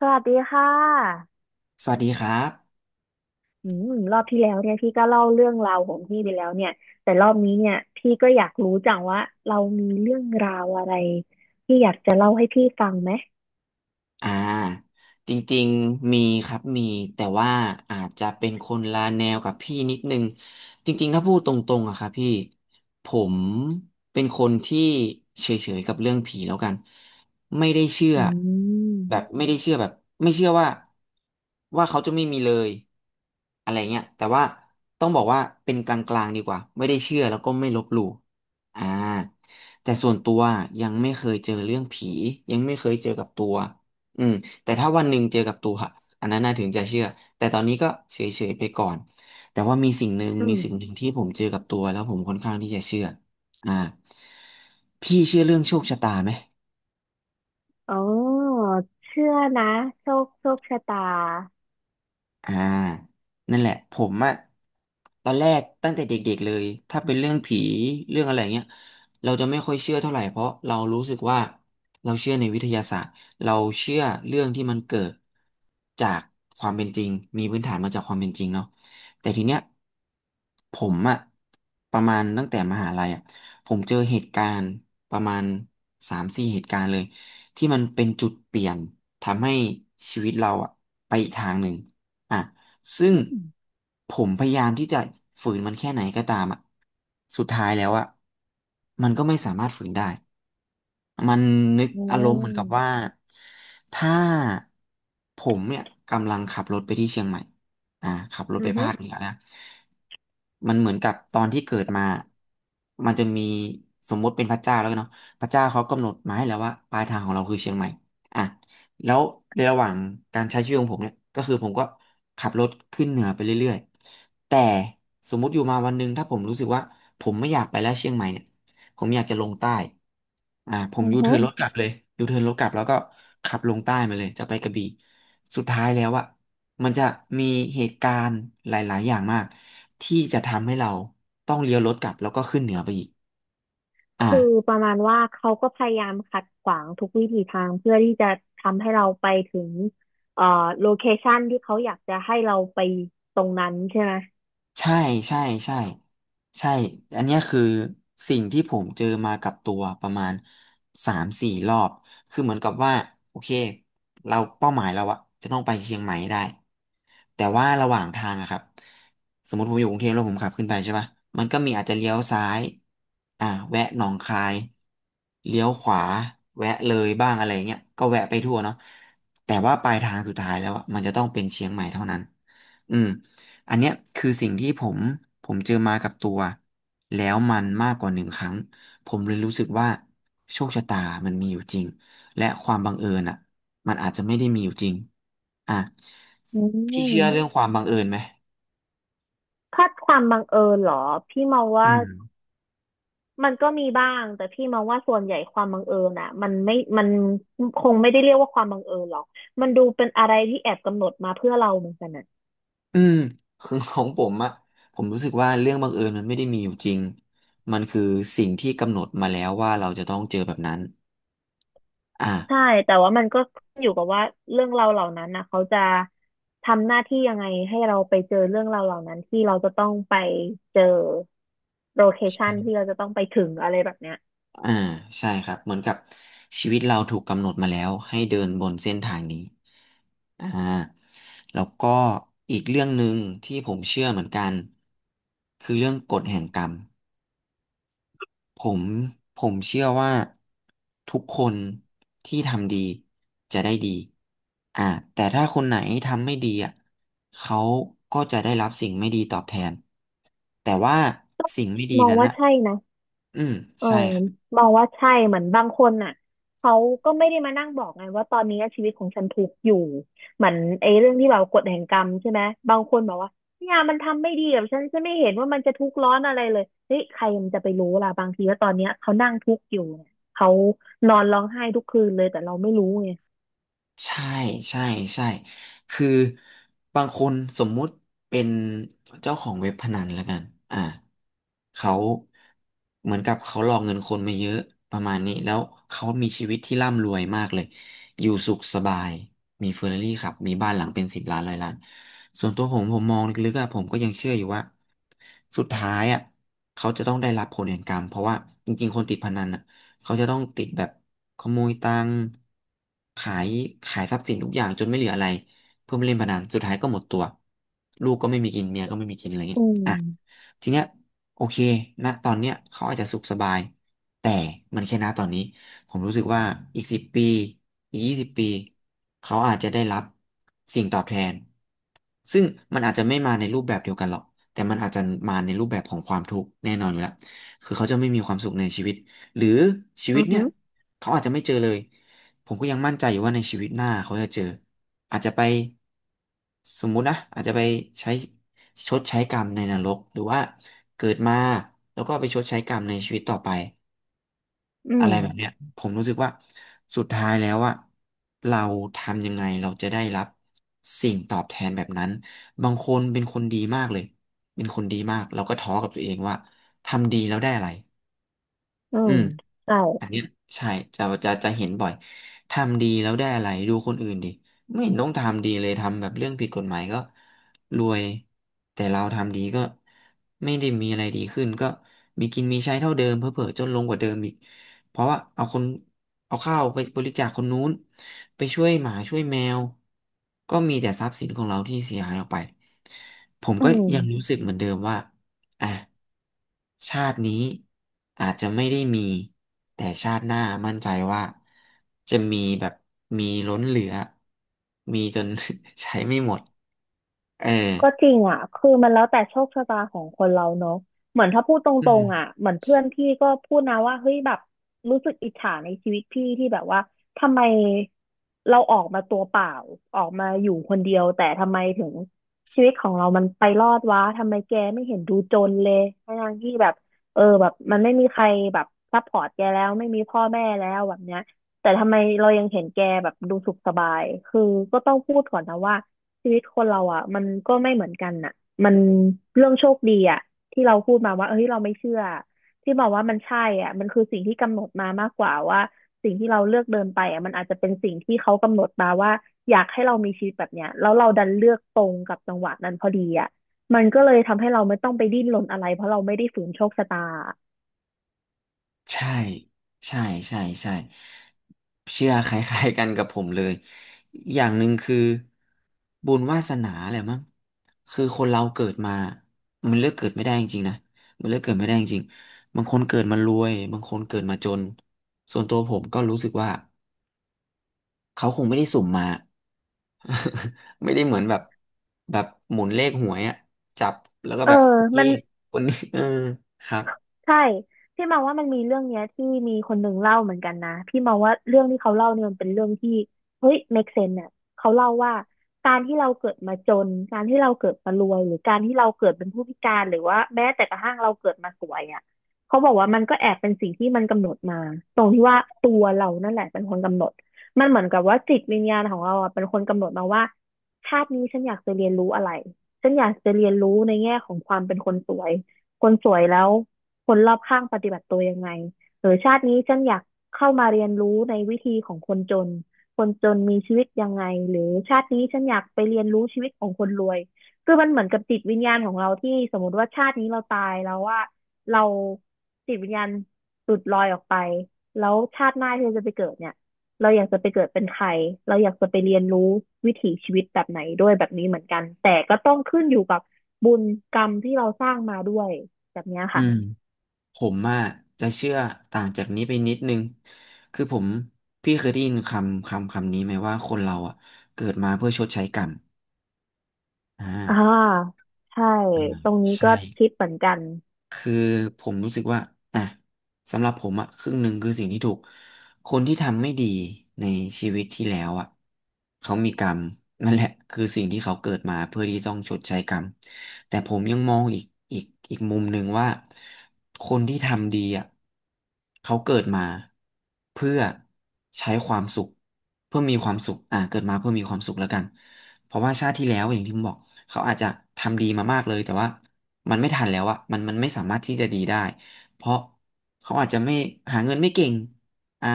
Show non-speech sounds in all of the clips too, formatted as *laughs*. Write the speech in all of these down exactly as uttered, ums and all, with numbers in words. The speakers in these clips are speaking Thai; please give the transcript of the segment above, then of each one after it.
สวัสดีค่ะสวัสดีครับ อืมรอบที่แล้วเนี่ยพี่ก็เล่าเรื่องราวของพี่ไปแล้วเนี่ย แต่รอบนี้เนี่ยพี่ก็อยากรู้จังว่าเรามีเรื่องราวอะไรที่อยากจะเล่าให้พี่ฟังไหมอ่าจริงๆมีครับมีแต่ว่าอาจจะเป็นคนละแนวกับพี่นิดนึงจริงๆถ้าพูดตรงๆอะครับพี่ผมเป็นคนที่เฉยๆกับเรื่องผีแล้วกันไม่ได้เชื่ออืแบบมไม่ได้เชื่อแบบไม่เชื่อว่าว่าเขาจะไม่มีเลยอะไรเงี้ยแต่ว่าต้องบอกว่าเป็นกลางๆดีกว่าไม่ได้เชื่อแล้วก็ไม่ลบหลู่อ่าแต่ส่วนตัวยังไม่เคยเจอเรื่องผียังไม่เคยเจอกับตัว อืมแต่ถ้าวันหนึ่งเจอกับตัวอะอันนั้นน่าถึงจะเชื่อแต่ตอนนี้ก็เฉยๆไปก่อนแต่ว่ามีสิ่งหนึ่งอืมีมสิ่งหนึ่งที่ผมเจอกับตัวแล้วผมค่อนข้างที่จะเชื่ออ่าพี่เชื่อเรื่องโชคชะตาไหม อ๋อเชื่อนะโชคโชคชะตาอ่า นั่นแหละ ผมอะตอนแรกตั้งแต่เด็กๆเลยถ้าเป็นเรื่องผีเรื่องอะไรเงี้ยเราจะไม่ค่อยเชื่อเท่าไหร่ เพราะเรารู้สึกว่าเราเชื่อในวิทยาศาสตร์เราเชื่อเรื่องที่มันเกิดจากความเป็นจริง มีพื้นฐานมาจากความเป็นจริงเนาะแต่ทีเนี้ยผมอะประมาณตั้งแต่มหาลัยอะผมเจอเหตุการณ์ประมาณสามสี่เหตุการณ์เลยที่มันเป็นจุดเปลี่ยนทำให้ชีวิตเราอะไปอีกทางหนึ่ง อ่ะซึ่งอืมผมพยายามที่จะฝืนมันแค่ไหนก็ตามอ่ะสุดท้ายแล้วอ่ะมันก็ไม่สามารถฝืนได้ มันนึกอือารมณ์เหมือนกับว่ามถ้าผมเนี่ยกำลังขับรถไปที่เชียงใหม่อ่าขับรถอืไปอฮึภาคเหนือนะมันเหมือนกับตอนที่เกิดมา มันจะมีสมมติเป็นพระเจ้าแล้วกันเนาะพระเจ้าเขากำหนดมาให้แล้วว่าปลายทางของเราคือเชียงใหม่อ่ะแล้วในระหว่างการใช้ชีวิตของผมเนี่ยก็คือผมก็ขับรถขึ้นเหนือไปเรื่อยๆแต่สมมติอยู่มาวันหนึ่งถ้าผมรู้สึกว่าผมไม่อยากไปแล้วเชียงใหม่เนี่ย ผมอยากจะลงใต้อ่าผมอือยูฮึ เทิร์นรถกลับเลยยูเทิร์นรถกลับแล้วก็ขับลงใต้มาเลย จะไปกระบี่สุดท้ายแล้วอะมันจะมีเหตุการณ์หลายๆอย่างมากที่จะทำให้เราต้องเลี้ยวรถกลับแล้วก็ขึ้นเหนือไปอีกอ่า คือประมาณว่าเขาก็พยายามขัดขวางทุกวิถีทางเพื่อที่จะทำให้เราไปถึงเอ่อโลเคชันที่เขาอยากจะให้เราไปตรงนั้นใช่ไหมใช่ใช่ใช่ใช่อันเนี้ยคือสิ่งที่ผมเจอมากับตัวประมาณสามสี่รอบ คือเหมือนกับว่าโอเคเราเป้าหมายเราอะจะต้องไปเชียงใหม่ให้ได้แต่ว่าระหว่างทางอะครับสมมติผมอยู่กรุงเทพแล้วผมขับขึ้นไปใช่ปะมันก็มีอาจจะเลี้ยวซ้ายอ่าแวะหนองคายเลี้ยวขวาแวะเลยบ้างอะไรเงี้ยก็แวะไปทั่วเนาะแต่ว่าปลายทางสุดท้ายแล้วอะมันจะต้องเป็นเชียงใหม่เท่านั้นอืม อันเนี้ยคือสิ่งที่ผมผมเจอมากับตัวแล้วมันมากกว่าหนึ่งครั้งผมเลยรู้สึกว่าโชคชะตามันมีอยู่จริงและความบังเอิญอ่ะมันอาจจะไม่ได้มีอยู่จริงอ่ะอืพี่เชื่อเรื่องมความบังเอิญไหมถ้าความบังเอิญเหรอพี่มองอืว่ามมันก็มีบ้างแต่พี่มองว่าส่วนใหญ่ความบังเอิญอ่ะมันไม่มันคงไม่ได้เรียกว่าความบังเอิญหรอกมันดูเป็นอะไรที่แอบกำหนดมาเพื่อเราเหมือนกันนะ อืมคือของผมอะผมรู้สึกว่าเรื่องบังเอิญมันไม่ได้มีอยู่จริงมันคือสิ่งที่กำหนดมาแล้วว่าเราจะต้องเจอแบบนั้นใช่อ่าแต่ว่ามันก็ขึ้นอยู่กับว่าเรื่องราวเหล่านั้นนะเขาจะทำหน้าที่ยังไงให้เราไปเจอเรื่องราวเหล่านั้นที่เราจะต้องไปเจอโลเคชันที่เราจะต้องไปถึงอะไรแบบเนี้ยอ่าใช่ครับเหมือนกับชีวิตเราถูกกำหนดมาแล้วให้เดินบนเส้นทางนี้ อ่าแล้วก็อีกเรื่องหนึ่งที่ผมเชื่อเหมือนกันคือเรื่องกฎแห่งกรรมผมผมเชื่อว่าทุกคนที่ทำดีจะได้ดีอ่าแต่ถ้าคนไหนทำไม่ดีอ่ะเขาก็จะได้รับสิ่งไม่ดีตอบแทนแต่ว่าสิ่งไม่ดีมองนั้นว่าอ่ะใช่นะ อืมเออใช่ มองว่าใช่เหมือนบางคนน่ะเขาก็ไม่ได้มานั่งบอกไงว่าตอนนี้ชีวิตของฉันทุกข์อยู่เหมือนไอ้เรื่องที่แบบกฎแห่งกรรมใช่ไหมบางคนบอกว่าเนี่ยมันทำไม่ดีกับฉันฉันไม่เห็นว่ามันจะทุกข์ร้อนอะไรเลยเฮ้ยใครมันจะไปรู้ล่ะบางทีว่าตอนเนี้ยเขานั่งทุกข์อยู่เนี่ยเขานอนร้องไห้ทุกคืนเลยแต่เราไม่รู้ไงใช่ใช่ใช่คือบางคนสมมุติเป็นเจ้าของเว็บพนันแล้วกันอ่าเขาเหมือนกับเขาหลอกเงินคนมาเยอะประมาณนี้แล้วเขามีชีวิตที่ร่ำรวยมากเลยอยู่สุขสบายมีเฟอร์รารี่ขับมีบ้านหลังเป็นสิบล้านร้อยล้านส่วนตัวผมผมมองลึกๆอะผมก็ยังเชื่ออยู่ว่าสุดท้ายอะเขาจะต้องได้รับผลแห่งกรรมเพราะว่าจริงๆคนติดพนันอะ เขาจะต้องติดแบบขโมยตังค์ขายขายทรัพย์สินทุกอย่างจนไม่เหลืออะไรเพื่อมาเล่นพนันสุดท้ายก็หมดตัวลูกก็ไม่มีกินเมียก็ไม่มีกินอะไรเงี้อืย มทีเนี้ยโอเคนะตอนเนี้ยเขาอาจจะสุขสบายแต่มันแค่ณตอนนี้ผมรู้สึกว่าอีกสิบปีอีกยี่สิบปีเขาอาจจะได้รับสิ่งตอบแทนซึ่งมันอาจจะไม่มาในรูปแบบเดียวกันหรอกแต่มันอาจจะมาในรูปแบบของความทุกข์แน่นอนอยู่แล้วคือเขาจะไม่มีความสุขในชีวิตหรือชีอืวิตอเนี่ฮึยเขาอาจจะไม่เจอเลยผมก็ยังมั่นใจอยู่ว่าในชีวิตหน้าเขาจะเจออาจจะไปสมมุตินะอาจจะไปใช้ ชดใช้กรรมในนรกหรือว่าเกิดมาแล้วก็ไปชดใช้กรรมในชีวิตต่อไปอือะมไรแบบเนี้ยผมรู้สึกว่าสุดท้ายแล้วอะเราทำยังไงเราจะได้รับสิ่งตอบแทนแบบนั้นบางคนเป็นคนดีมากเลยเป็นคนดีมากเราก็ท้อกับตัวเองว่าทำดีแล้วได้อะไรอือืมม ใช่อันเนี้ยใช่จะจะจะเห็นบ่อยทำดีแล้วได้อะไรดูคนอื่นดิไม่เห็นต้องทำดีเลยทำแบบเรื่องผิดกฎหมายก็รวยแต่เราทำดีก็ไม่ได้มีอะไรดีขึ้นก็มีกินมีใช้เท่าเดิมเผลอๆจนลงกว่าเดิมอีกเพราะว่าเอาคนเอาข้าวไปบริจาคคนนู้นไปช่วยหมาช่วยแมวก็มีแต่ทรัพย์สินของเราที่เสียหายออกไปผมอืก็ม ยังรู้สึกเหมือนเดิมว่า อ่ะชาตินี้อาจจะไม่ได้มีแต่ชาติหน้ามั่นใจว่าจะมีแบบมีล้นเหลือมีจน *laughs* ใช้ไม่หมดเออก็จริงอ่ะคือมันแล้วแต่โชคชะตาของคนเราเนอะเหมือนถ้าพูดตอืรงๆอ่ะม เหมือนเพื่อนพี่ก็พูดนะว่าเฮ้ยแบบรู้สึกอิจฉาในชีวิตพี่ที่แบบว่าทำไมเราออกมาตัวเปล่าออกมาอยู่คนเดียวแต่ทำไมถึงชีวิตของเรามันไปรอดวะทำไมแกไม่เห็นดูจนเลยทั้งๆที่แบบเออแบบมันไม่มีใครแบบซัพพอร์ตแกแล้วไม่มีพ่อแม่แล้วแบบเนี้ยแต่ทำไมเรายังเห็นแกแบบดูสุขสบายคือก็ต้องพูดก่อนนะว่า ชีวิตคนเราอ่ะมันก็ไม่เหมือนกันน่ะมันเรื่องโชคดีอ่ะที่เราพูดมาว่าเอ้ยเราไม่เชื่อที่บอกว่ามันใช่อ่ะมันคือสิ่งที่กำหนดมามากกว่าว่าสิ่งที่เราเลือกเดินไปอ่ะมันอาจจะเป็นสิ่งที่เขากำหนดมาว่าอยากให้เรามีชีวิตแบบเนี้ยแล้วเราดันเลือกตรงกับจังหวะนั้นพอดีอ่ะมันก็เลยทำให้เราไม่ต้องไปดิ้นรนอะไรเพราะเราไม่ได้ฝืนโชคชะตาใช่ใช่ใช่ใช่เชื่อคล้ายๆกันกับผมเลยอย่างหนึ่งคือบุญวาสนาแหละมั้งคือคนเราเกิดมามันเลือกเกิดไม่ได้จริงๆนะมันเลือกเกิดไม่ได้จริงๆบางคนเกิดมารวยบางคนเกิดมาจนส่วนตัวผมก็รู้สึกว่าเขาคงไม่ได้สุ่มมา *laughs* ไม่ได้เหมือนแบบแบบหมุนเลขหวยอะจับแล้วก็เออแบบโอเคมัน คนนี้เออครับใช่พี่มองว่ามันมีเรื่องเนี้ยที่มีคนหนึ่งเล่าเหมือนกันนะพี่มาว่าเรื่องที่เขาเล่าเนี่ยมันเป็นเรื่องที่เฮ้ย make sense เนี่ยเขาเล่าว่าการที่เราเกิดมาจนการที่เราเกิดมารวยหรือการที่เราเกิดเป็นผู้พิการหรือว่าแม้แต่กระทั่งเราเกิดมาสวยอ่ะเขาบอกว่ามันก็แอบเป็นสิ่งที่มันกำหนดมาตรงที่ว่าตัวเรานั่นแหละเป็นคนกำหนดมันเหมือนกับว่าจิตวิญญาณของเราอ่ะเป็นคนกำหนดมาว่าชาตินี้ฉันอยากจะเรียนรู้อะไรฉันอยากจะเรียนรู้ในแง่ของความเป็นคนสวย คนสวยแล้วคนรอบข้างปฏิบัติตัวยังไงหรือชาตินี้ฉันอยากเข้ามาเรียนรู้ในวิธีของคนจนคนจนมีชีวิตยังไงหรือชาตินี้ฉันอยากไปเรียนรู้ชีวิตของคนรวยคือมันเหมือนกับจิตวิญญาณของเราที่สมมติว่าชาตินี้เราตายแล้วว่าเราจิตวิญญาณหลุดลอยออกไปแล้วชาติหน้าที่เราจะไปเกิดเนี่ยเราอยากจะไปเกิดเป็นใครเราอยากจะไปเรียนรู้วิถีชีวิตแบบไหนด้วยแบบนี้เหมือนกันแต่ก็ต้องขึ้นอยู่กับบุญกรรมที่เราสร้างมาด้วย แบบเนี้ยอืค่ะม ผมอ่ะจะเชื่อต่างจากนี้ไปนิดนึงคือผมพี่เคยได้ยินคำคำคำนี้ไหมว่าคนเราอ่ะเกิดมาเพื่อชดใช้กรรมอ่อ่าาใช่ อาตรงนี้ก็ใช่ คิดเหมือนกัน คือผมรู้สึกว่าอ่ะสำหรับผมอ่ะครึ่งหนึ่งคือสิ่งที่ถูกคนที่ทำไม่ดีในชีวิตที่แล้วอ่ะเขามีกรรมนั่นแหละคือสิ่งที่เขาเกิดมาเพื่อที่ต้องชดใช้กรรมแต่ผมยังมองอีกอีกอีกมุมหนึ่งว่าคนที่ทำดีอ่ะเขาเกิดมาเพื่อใช้ความสุขเพื่อมีความสุขอ่ะเกิดมาเพื่อมีความสุขแล้วกันเพราะว่าชาติที่แล้วอย่างที่ผมบอกเขาอาจจะทำดีมามากเลยแต่ว่า มันไม่ทันแล้วอะมันมันไม่สามารถที่จะดีได้ เพราะเขาอาจจะไม่หาเงินไม่เก่งอ่า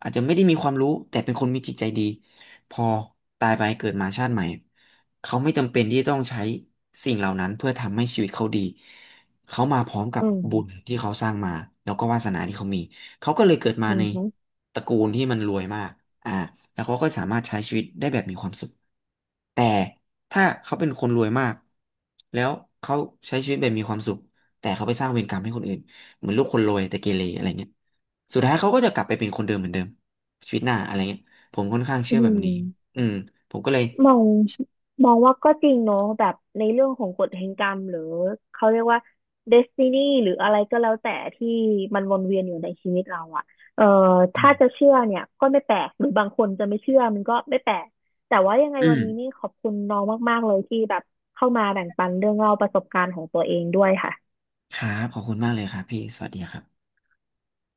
อาจจะไม่ได้มีความรู้แต่เป็นคนมีจิตใจดี พอตายไปเกิดมาชาติใหม่เขาไม่จำเป็นที่ต้องใช้สิ่งเหล่านั้นเพื่อทำให้ชีวิตเขาดี เขามาพร้อมกับอืมบุญที่เขาสร้างมาแล้วก็วาสนาที่เขามี เขาก็เลยเกิดมาอืในอฮึตระกูลที่มันรวยมากอ่าแล้วเขาก็สามารถใช้ชีวิตได้แบบมีความสุขแต่ ถ้าเขาเป็นคนรวยมากแล้วเขาใช้ชีวิตแบบมีความสุขแต่เขาไปสร้างเวรกรรมให้คนอื่นเหมือนลูกคนรวยแต่เกเรอะไรเงี้ยสุดท้ายเขาก็จะกลับไปเป็นคนเดิมเหมือนเดิมชีวิตหน้าอะไรเงี้ยผมค่อนข้างอืเชื่อแบบนี้มอืมผมก็เลยมองมองว่าก็จริงเนอะแบบในเรื่องของกฎแห่งกรรมหรือเขาเรียกว่าเดสตินีหรืออะไรก็แล้วแต่ที่มันวนเวียนอยู่ในชีวิตเราอะเอ่ออืมถ้าจะเชื่อเนี่ยก็ไม่แปลกหรือบางคนจะไม่เชื่อมันก็ไม่แปลกแต่ว่ายังไงอืวัมนนี้นี่ขอบคุณน้องมากๆเลยที่แบบเข้ามาแบ่งปันเรื่องเล่าประสบการณ์ของตัวเองด้วยค่ะครับขอบคุณมากเลยครับพี่สวัสดีครับ